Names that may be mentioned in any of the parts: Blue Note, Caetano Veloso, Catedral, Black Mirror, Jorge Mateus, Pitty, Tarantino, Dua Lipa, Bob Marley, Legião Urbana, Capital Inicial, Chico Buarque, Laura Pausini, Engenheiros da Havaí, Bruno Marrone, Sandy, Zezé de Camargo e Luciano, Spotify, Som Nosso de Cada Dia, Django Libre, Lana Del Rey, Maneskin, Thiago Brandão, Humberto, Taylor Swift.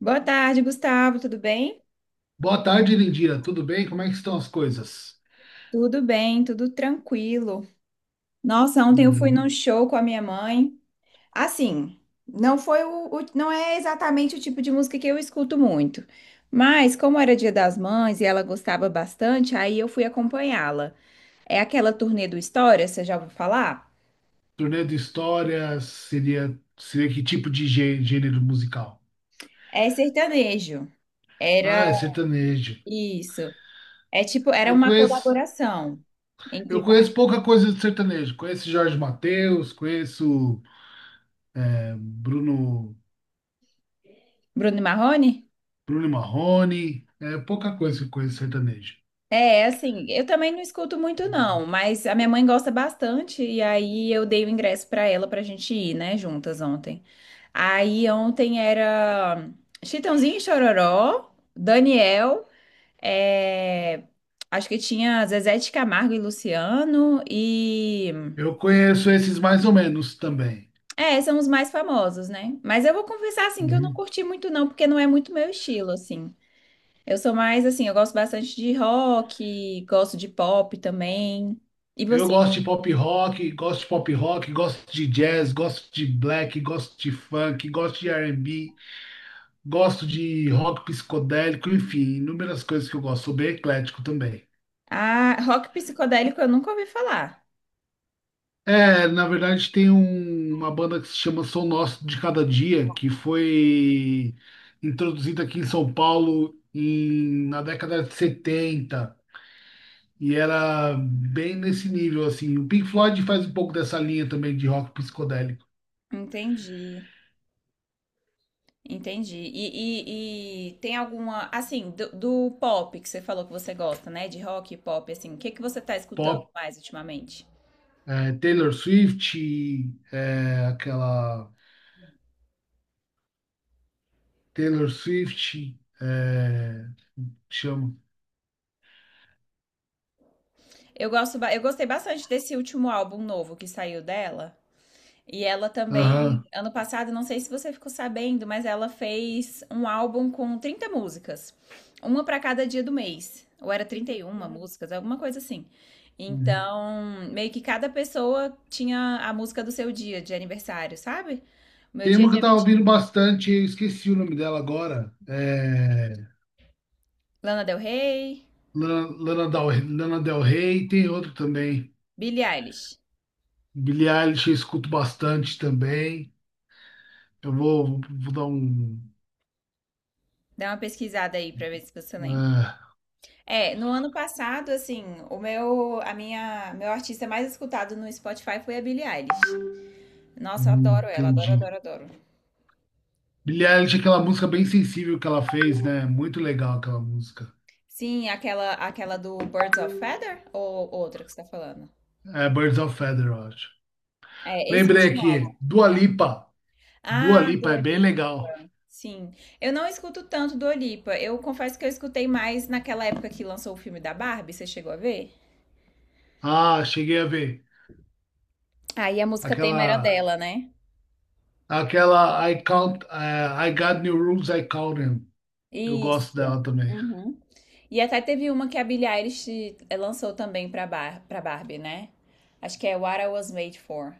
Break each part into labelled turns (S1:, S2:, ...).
S1: Boa tarde, Gustavo. Tudo bem?
S2: Boa tarde, Lindira. Tudo bem? Como é que estão as coisas?
S1: Tudo bem, tudo tranquilo. Nossa, ontem eu fui num
S2: Uhum.
S1: show com a minha mãe. Assim, não foi não é exatamente o tipo de música que eu escuto muito. Mas como era Dia das Mães e ela gostava bastante, aí eu fui acompanhá-la. É aquela turnê do História, você já ouviu falar?
S2: Turnê de história seria, seria que tipo de gênero musical?
S1: É sertanejo. Era
S2: Ah, é sertanejo.
S1: isso. É tipo, era
S2: Eu
S1: uma
S2: conheço,
S1: colaboração
S2: eu
S1: entre
S2: conheço
S1: vários.
S2: pouca coisa de sertanejo. Conheço Jorge Mateus, conheço Bruno,
S1: Bruno e Marrone?
S2: Bruno Marrone. É pouca coisa que eu conheço de sertanejo.
S1: É, assim, eu também não escuto muito não, mas a minha mãe gosta bastante e aí eu dei o ingresso pra ela pra gente ir, né, juntas ontem. Aí ontem era Chitãozinho e Chororó, Daniel, é, acho que tinha Zezé de Camargo e Luciano e
S2: Eu conheço esses mais ou menos também.
S1: é, são os mais famosos, né? Mas eu vou confessar assim que eu não
S2: Uhum.
S1: curti muito não, porque não é muito meu estilo assim. Eu sou mais assim, eu gosto bastante de rock, gosto de pop também. E
S2: Eu
S1: você?
S2: gosto de pop rock, gosto de pop rock, gosto de jazz, gosto de black, gosto de funk, gosto de R&B. Gosto de rock psicodélico, enfim, inúmeras coisas que eu gosto. Sou bem eclético também.
S1: Ah, rock psicodélico eu nunca ouvi falar.
S2: É, na verdade, uma banda que se chama Som Nosso de Cada Dia, que foi introduzida aqui em São Paulo na década de 70. E era bem nesse nível, assim. O Pink Floyd faz um pouco dessa linha também de rock psicodélico.
S1: Entendi, entendi. E tem alguma, assim, do pop que você falou que você gosta, né? De rock e pop, assim, o que que você tá escutando
S2: Pop,
S1: mais ultimamente?
S2: Taylor Swift, aquela Taylor Swift, chama.
S1: Eu gosto, eu gostei bastante desse último álbum novo que saiu dela. E ela também, ano passado, não sei se você ficou sabendo, mas ela fez um álbum com 30 músicas, uma para cada dia do mês, ou era 31
S2: É.
S1: músicas, alguma coisa assim.
S2: Uhum.
S1: Então, meio que cada pessoa tinha a música do seu dia de aniversário, sabe? O meu
S2: Tem
S1: dia é
S2: uma que eu
S1: dia
S2: tava
S1: 20.
S2: ouvindo bastante, eu esqueci o nome dela agora.
S1: Lana Del Rey,
S2: Lana, Lana Del, Lana Del Rey, tem outro também.
S1: Billie Eilish.
S2: Billie Eilish eu escuto bastante também. Vou dar um.
S1: Dá uma pesquisada aí pra ver se você lembra.
S2: Ah,
S1: É, no ano passado, assim, o meu, a minha, meu artista mais escutado no Spotify foi a Billie Eilish. Nossa, eu adoro ela, adoro,
S2: entendi.
S1: adoro, adoro.
S2: Billie Eilish é aquela música bem sensível que ela fez, né? Muito legal aquela música.
S1: Sim, aquela do Birds of Feather ou outra que você tá falando?
S2: É Birds of Feather, eu acho.
S1: É, esse
S2: Lembrei
S1: último álbum.
S2: aqui, Dua Lipa. Dua
S1: Ah,
S2: Lipa é
S1: Dua
S2: bem legal.
S1: Lipa. Sim. Eu não escuto tanto Dua Lipa. Eu confesso que eu escutei mais naquela época que lançou o filme da Barbie, você chegou a ver?
S2: Ah, cheguei a ver.
S1: Aí a música tema era
S2: Aquela
S1: dela, né?
S2: Aquela I count, I got new rules, I count them. Eu gosto
S1: Isso.
S2: dela também.
S1: Uhum. E até teve uma que a Billie Eilish lançou também pra, Bar pra Barbie, né? Acho que é What I Was Made For.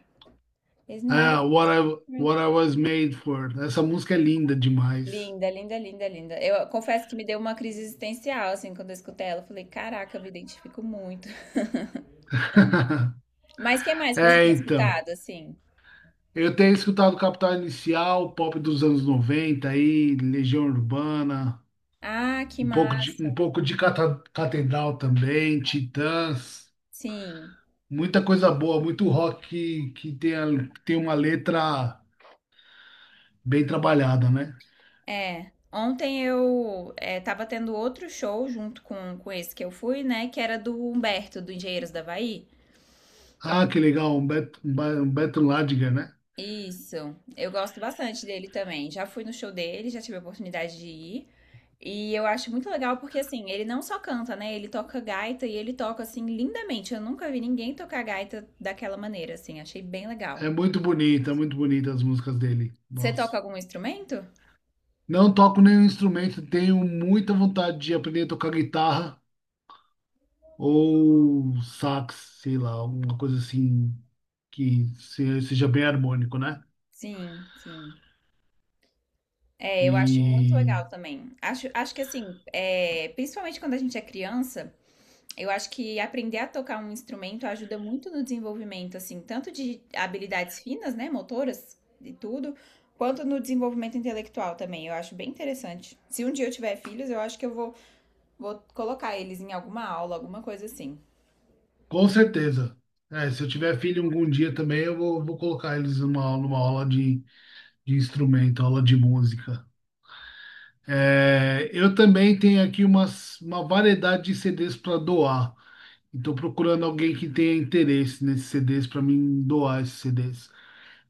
S1: It's not
S2: Ah, What I was made for. Essa música é linda demais.
S1: linda, linda, linda, linda. Eu confesso que me deu uma crise existencial, assim, quando eu escutei ela. Eu falei, caraca, eu me identifico muito. Mas o que mais que você
S2: É,
S1: tem
S2: então.
S1: escutado, assim?
S2: Eu tenho escutado Capital Inicial, pop dos anos 90, aí, Legião Urbana,
S1: Ah, que massa.
S2: um pouco de Catedral também, Titãs,
S1: Sim,
S2: muita coisa boa, muito rock que tem, tem uma letra bem trabalhada, né?
S1: é. Ontem eu tava tendo outro show junto com esse que eu fui, né? Que era do Humberto, do Engenheiros da Havaí.
S2: Ah, que legal, um Beto Ladiger, né?
S1: Isso, eu gosto bastante dele também. Já fui no show dele, já tive a oportunidade de ir. E eu acho muito legal porque, assim, ele não só canta, né? Ele toca gaita e ele toca, assim, lindamente. Eu nunca vi ninguém tocar gaita daquela maneira, assim. Achei bem legal.
S2: Muito bonita as músicas dele.
S1: Você toca
S2: Nossa.
S1: algum instrumento?
S2: Não toco nenhum instrumento, tenho muita vontade de aprender a tocar guitarra ou sax, sei lá, alguma coisa assim que seja bem harmônico, né?
S1: Sim, sim. É,
S2: E
S1: eu acho muito legal também. Acho, acho que, assim, é, principalmente quando a gente é criança, eu acho que aprender a tocar um instrumento ajuda muito no desenvolvimento, assim, tanto de habilidades finas, né? Motoras e tudo. Quanto no desenvolvimento intelectual também, eu acho bem interessante. Se um dia eu tiver filhos, eu acho que eu vou vou colocar eles em alguma aula, alguma coisa assim.
S2: com certeza. É, se eu tiver filho algum dia também, vou colocar eles numa aula de instrumento, aula de música. É, eu também tenho aqui uma variedade de CDs para doar. Estou procurando alguém que tenha interesse nesses CDs para mim doar esses CDs.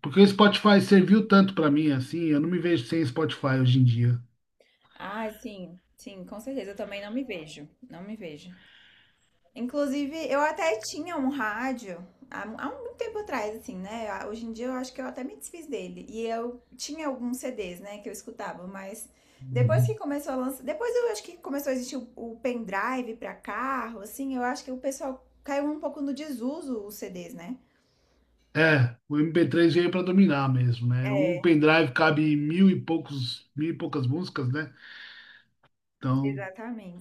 S2: Porque o Spotify serviu tanto para mim assim, eu não me vejo sem Spotify hoje em dia.
S1: Ah, sim, sim, com certeza. Eu também não me vejo. Não me vejo. Inclusive, eu até tinha um rádio há muito tempo atrás, assim, né? Ah, hoje em dia eu acho que eu até me desfiz dele. E eu tinha alguns CDs, né, que eu escutava, mas depois que
S2: Uhum.
S1: começou a lançar. Depois eu acho que começou a existir o pendrive pra carro, assim, eu acho que o pessoal caiu um pouco no desuso os CDs, né?
S2: É, o MP3 veio para dominar mesmo, né? Um
S1: É,
S2: pendrive cabe mil e poucos, mil e poucas músicas, né? Então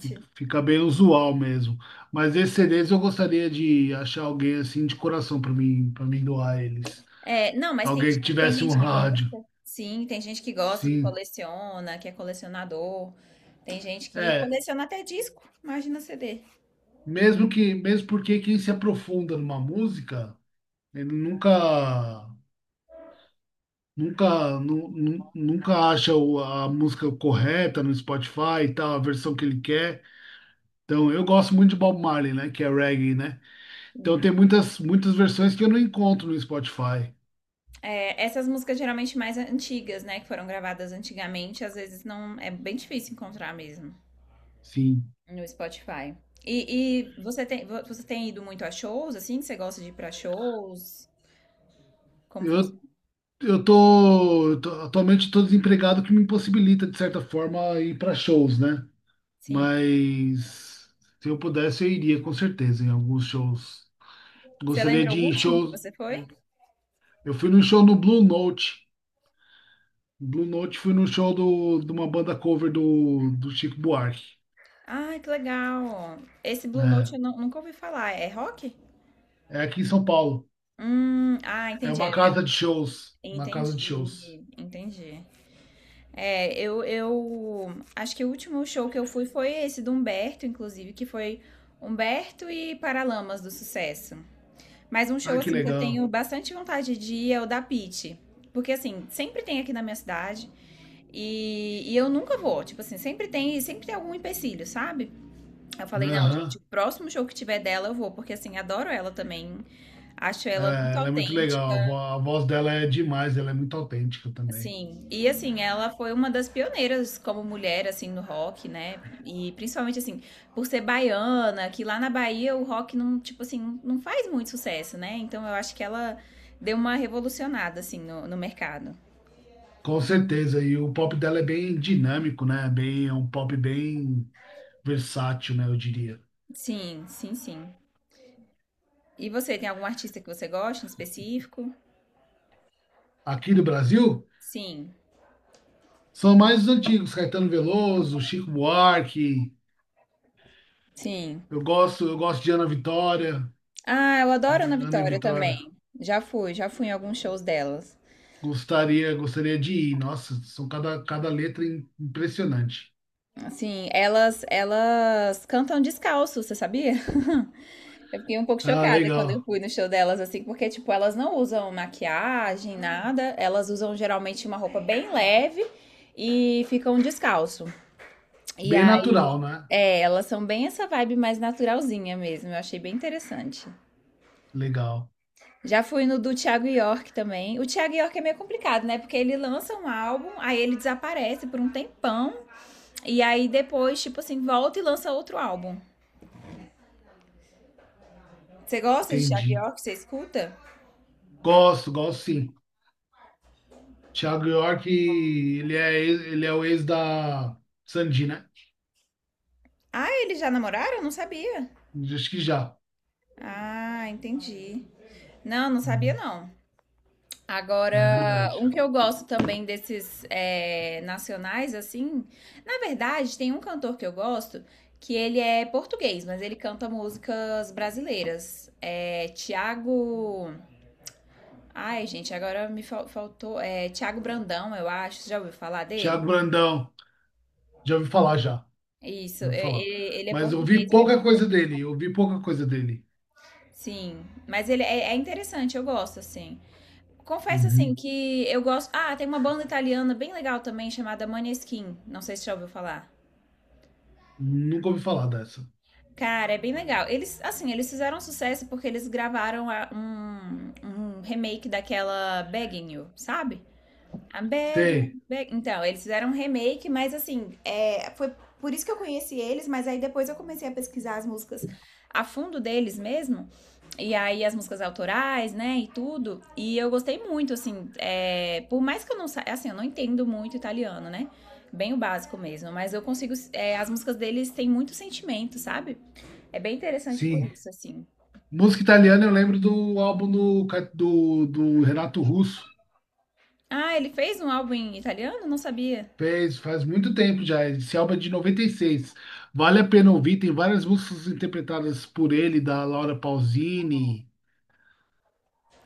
S2: fica bem usual mesmo. Mas esses CDs eu gostaria de achar alguém assim de coração para mim doar eles.
S1: É, não, mas tem,
S2: Alguém que
S1: tem
S2: tivesse um
S1: gente que
S2: rádio.
S1: gosta. Sim, tem gente que gosta, que
S2: Sim.
S1: coleciona, que é colecionador. Tem gente que
S2: É,
S1: coleciona até disco, imagina CD.
S2: mesmo que, mesmo porque quem se aprofunda numa música, ele nunca, nunca acha a música correta no Spotify e tal, a versão que ele quer. Então, eu gosto muito de Bob Marley, né? Que é reggae, né? Então,
S1: Hum.
S2: muitas versões que eu não encontro no Spotify.
S1: É, essas músicas geralmente mais antigas, né, que foram gravadas antigamente, às vezes não é bem difícil encontrar mesmo
S2: Sim.
S1: no Spotify. E, você tem ido muito a shows, assim? Você gosta de ir pra shows? Como
S2: Eu,
S1: funciona?
S2: atualmente estou desempregado, o que me impossibilita, de certa forma, ir para shows, né?
S1: Sim.
S2: Mas se eu pudesse, eu iria com certeza em alguns shows.
S1: Você
S2: Gostaria
S1: lembra
S2: de
S1: o
S2: ir em
S1: último que
S2: shows.
S1: você foi?
S2: Eu eu fui num show no Blue Note. Blue Note fui num show de uma banda cover do Chico Buarque.
S1: Ah, que legal. Esse Blue Note
S2: É,
S1: eu não- nunca ouvi falar. É rock?
S2: é aqui em São Paulo.
S1: Ah, entendi. Né?
S2: Uma casa de shows.
S1: Entendi, entendi. É, eu acho que o último show que eu fui foi esse do Humberto, inclusive, que foi Humberto e Paralamas do Sucesso. Mas um show
S2: Ai, que
S1: assim que eu
S2: legal.
S1: tenho bastante vontade de ir é o da Pitty. Porque assim, sempre tem aqui na minha cidade e eu nunca vou. Tipo assim, sempre tem algum empecilho, sabe? Eu falei, não, gente,
S2: Aham.
S1: o próximo show que tiver dela eu vou, porque assim, adoro ela também. Acho ela
S2: É,
S1: muito
S2: ela é muito
S1: autêntica.
S2: legal. A voz dela é demais. Ela é muito autêntica também.
S1: Sim, e assim, ela foi uma das pioneiras como mulher, assim, no rock, né? E principalmente, assim, por ser baiana, que lá na Bahia o rock não, tipo assim, não faz muito sucesso, né? Então eu acho que ela deu uma revolucionada, assim, no mercado.
S2: Com certeza. E o pop dela é bem dinâmico, né? Bem, é um pop bem versátil, né? Eu diria.
S1: Sim, sim, sim. E você, tem algum artista que você gosta em específico?
S2: Aqui do Brasil.
S1: Sim,
S2: São mais os antigos, Caetano Veloso, Chico Buarque.
S1: sim.
S2: Eu gosto de Ana Vitória.
S1: Ah, eu adoro a Ana
S2: Ana e
S1: Vitória
S2: Vitória.
S1: também. Já fui em alguns shows delas.
S2: Gostaria de ir. Nossa, cada letra impressionante.
S1: Assim, elas cantam descalço, você sabia? Eu fiquei um pouco
S2: Ah,
S1: chocada quando eu
S2: legal.
S1: fui no show delas, assim, porque, tipo, elas não usam maquiagem, nada. Elas usam geralmente uma roupa bem leve e ficam descalço. E
S2: Bem
S1: aí,
S2: natural, né?
S1: é, elas são bem essa vibe mais naturalzinha mesmo. Eu achei bem interessante.
S2: Legal.
S1: Já fui no do Thiago York também. O Thiago York é meio complicado, né? Porque ele lança um álbum, aí ele desaparece por um tempão. E aí depois, tipo assim, volta e lança outro álbum. Você gosta de Thiago
S2: Entendi.
S1: York? Você escuta?
S2: Gosto sim. Thiago York, ele é o ex da Sandy, né?
S1: Ah, eles já namoraram? Eu não sabia.
S2: Acho que já.
S1: Ah, entendi. Não, não sabia
S2: Hum,
S1: não.
S2: é
S1: Agora,
S2: verdade.
S1: um que eu gosto também desses é, nacionais, assim, na verdade, tem um cantor que eu gosto que ele é português, mas ele canta músicas brasileiras. É Tiago. Ai, gente, agora me faltou. É Tiago Brandão, eu acho. Você já ouviu falar dele?
S2: Thiago Brandão, já ouvi falar já.
S1: Isso,
S2: Eu vou falar.
S1: ele, ele é
S2: Mas
S1: português, ele é muito bom.
S2: eu ouvi pouca coisa dele.
S1: Sim, mas ele é, é interessante, eu gosto, assim. Confesso assim
S2: Uhum.
S1: que eu gosto. Ah, tem uma banda italiana bem legal também chamada Maneskin. Não sei se já ouviu falar.
S2: Nunca ouvi falar dessa.
S1: Cara, é bem legal. Eles, assim, eles fizeram sucesso porque eles gravaram um remake daquela Begging You, sabe? A
S2: Tem,
S1: Então, eles fizeram um remake, mas assim, é, foi por isso que eu conheci eles, mas aí depois eu comecei a pesquisar as músicas a fundo deles mesmo, e aí as músicas autorais, né, e tudo, e eu gostei muito, assim, é, por mais que eu não saiba, assim, eu não entendo muito italiano, né, bem o básico mesmo, mas eu consigo, é, as músicas deles têm muito sentimento, sabe? É bem interessante por
S2: sim.
S1: isso, assim.
S2: Música italiana, eu lembro do álbum do Renato Russo.
S1: Ah, ele fez um álbum em italiano? Não sabia.
S2: Fez, faz muito tempo já, esse álbum é de 96. Vale a pena ouvir, tem várias músicas interpretadas por ele, da Laura Pausini.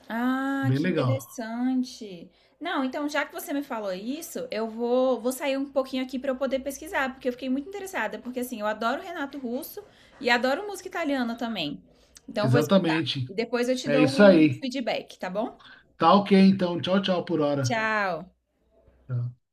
S1: Ah,
S2: Bem
S1: que
S2: legal.
S1: interessante. Não, então já que você me falou isso, eu vou, vou sair um pouquinho aqui para eu poder pesquisar, porque eu fiquei muito interessada, porque assim, eu adoro Renato Russo e adoro música italiana também. Então eu vou escutar.
S2: Exatamente.
S1: E depois eu te
S2: É isso
S1: dou um
S2: aí.
S1: feedback, tá bom?
S2: Tá ok, então. Tchau, tchau por hora.
S1: Tchau.
S2: Tá.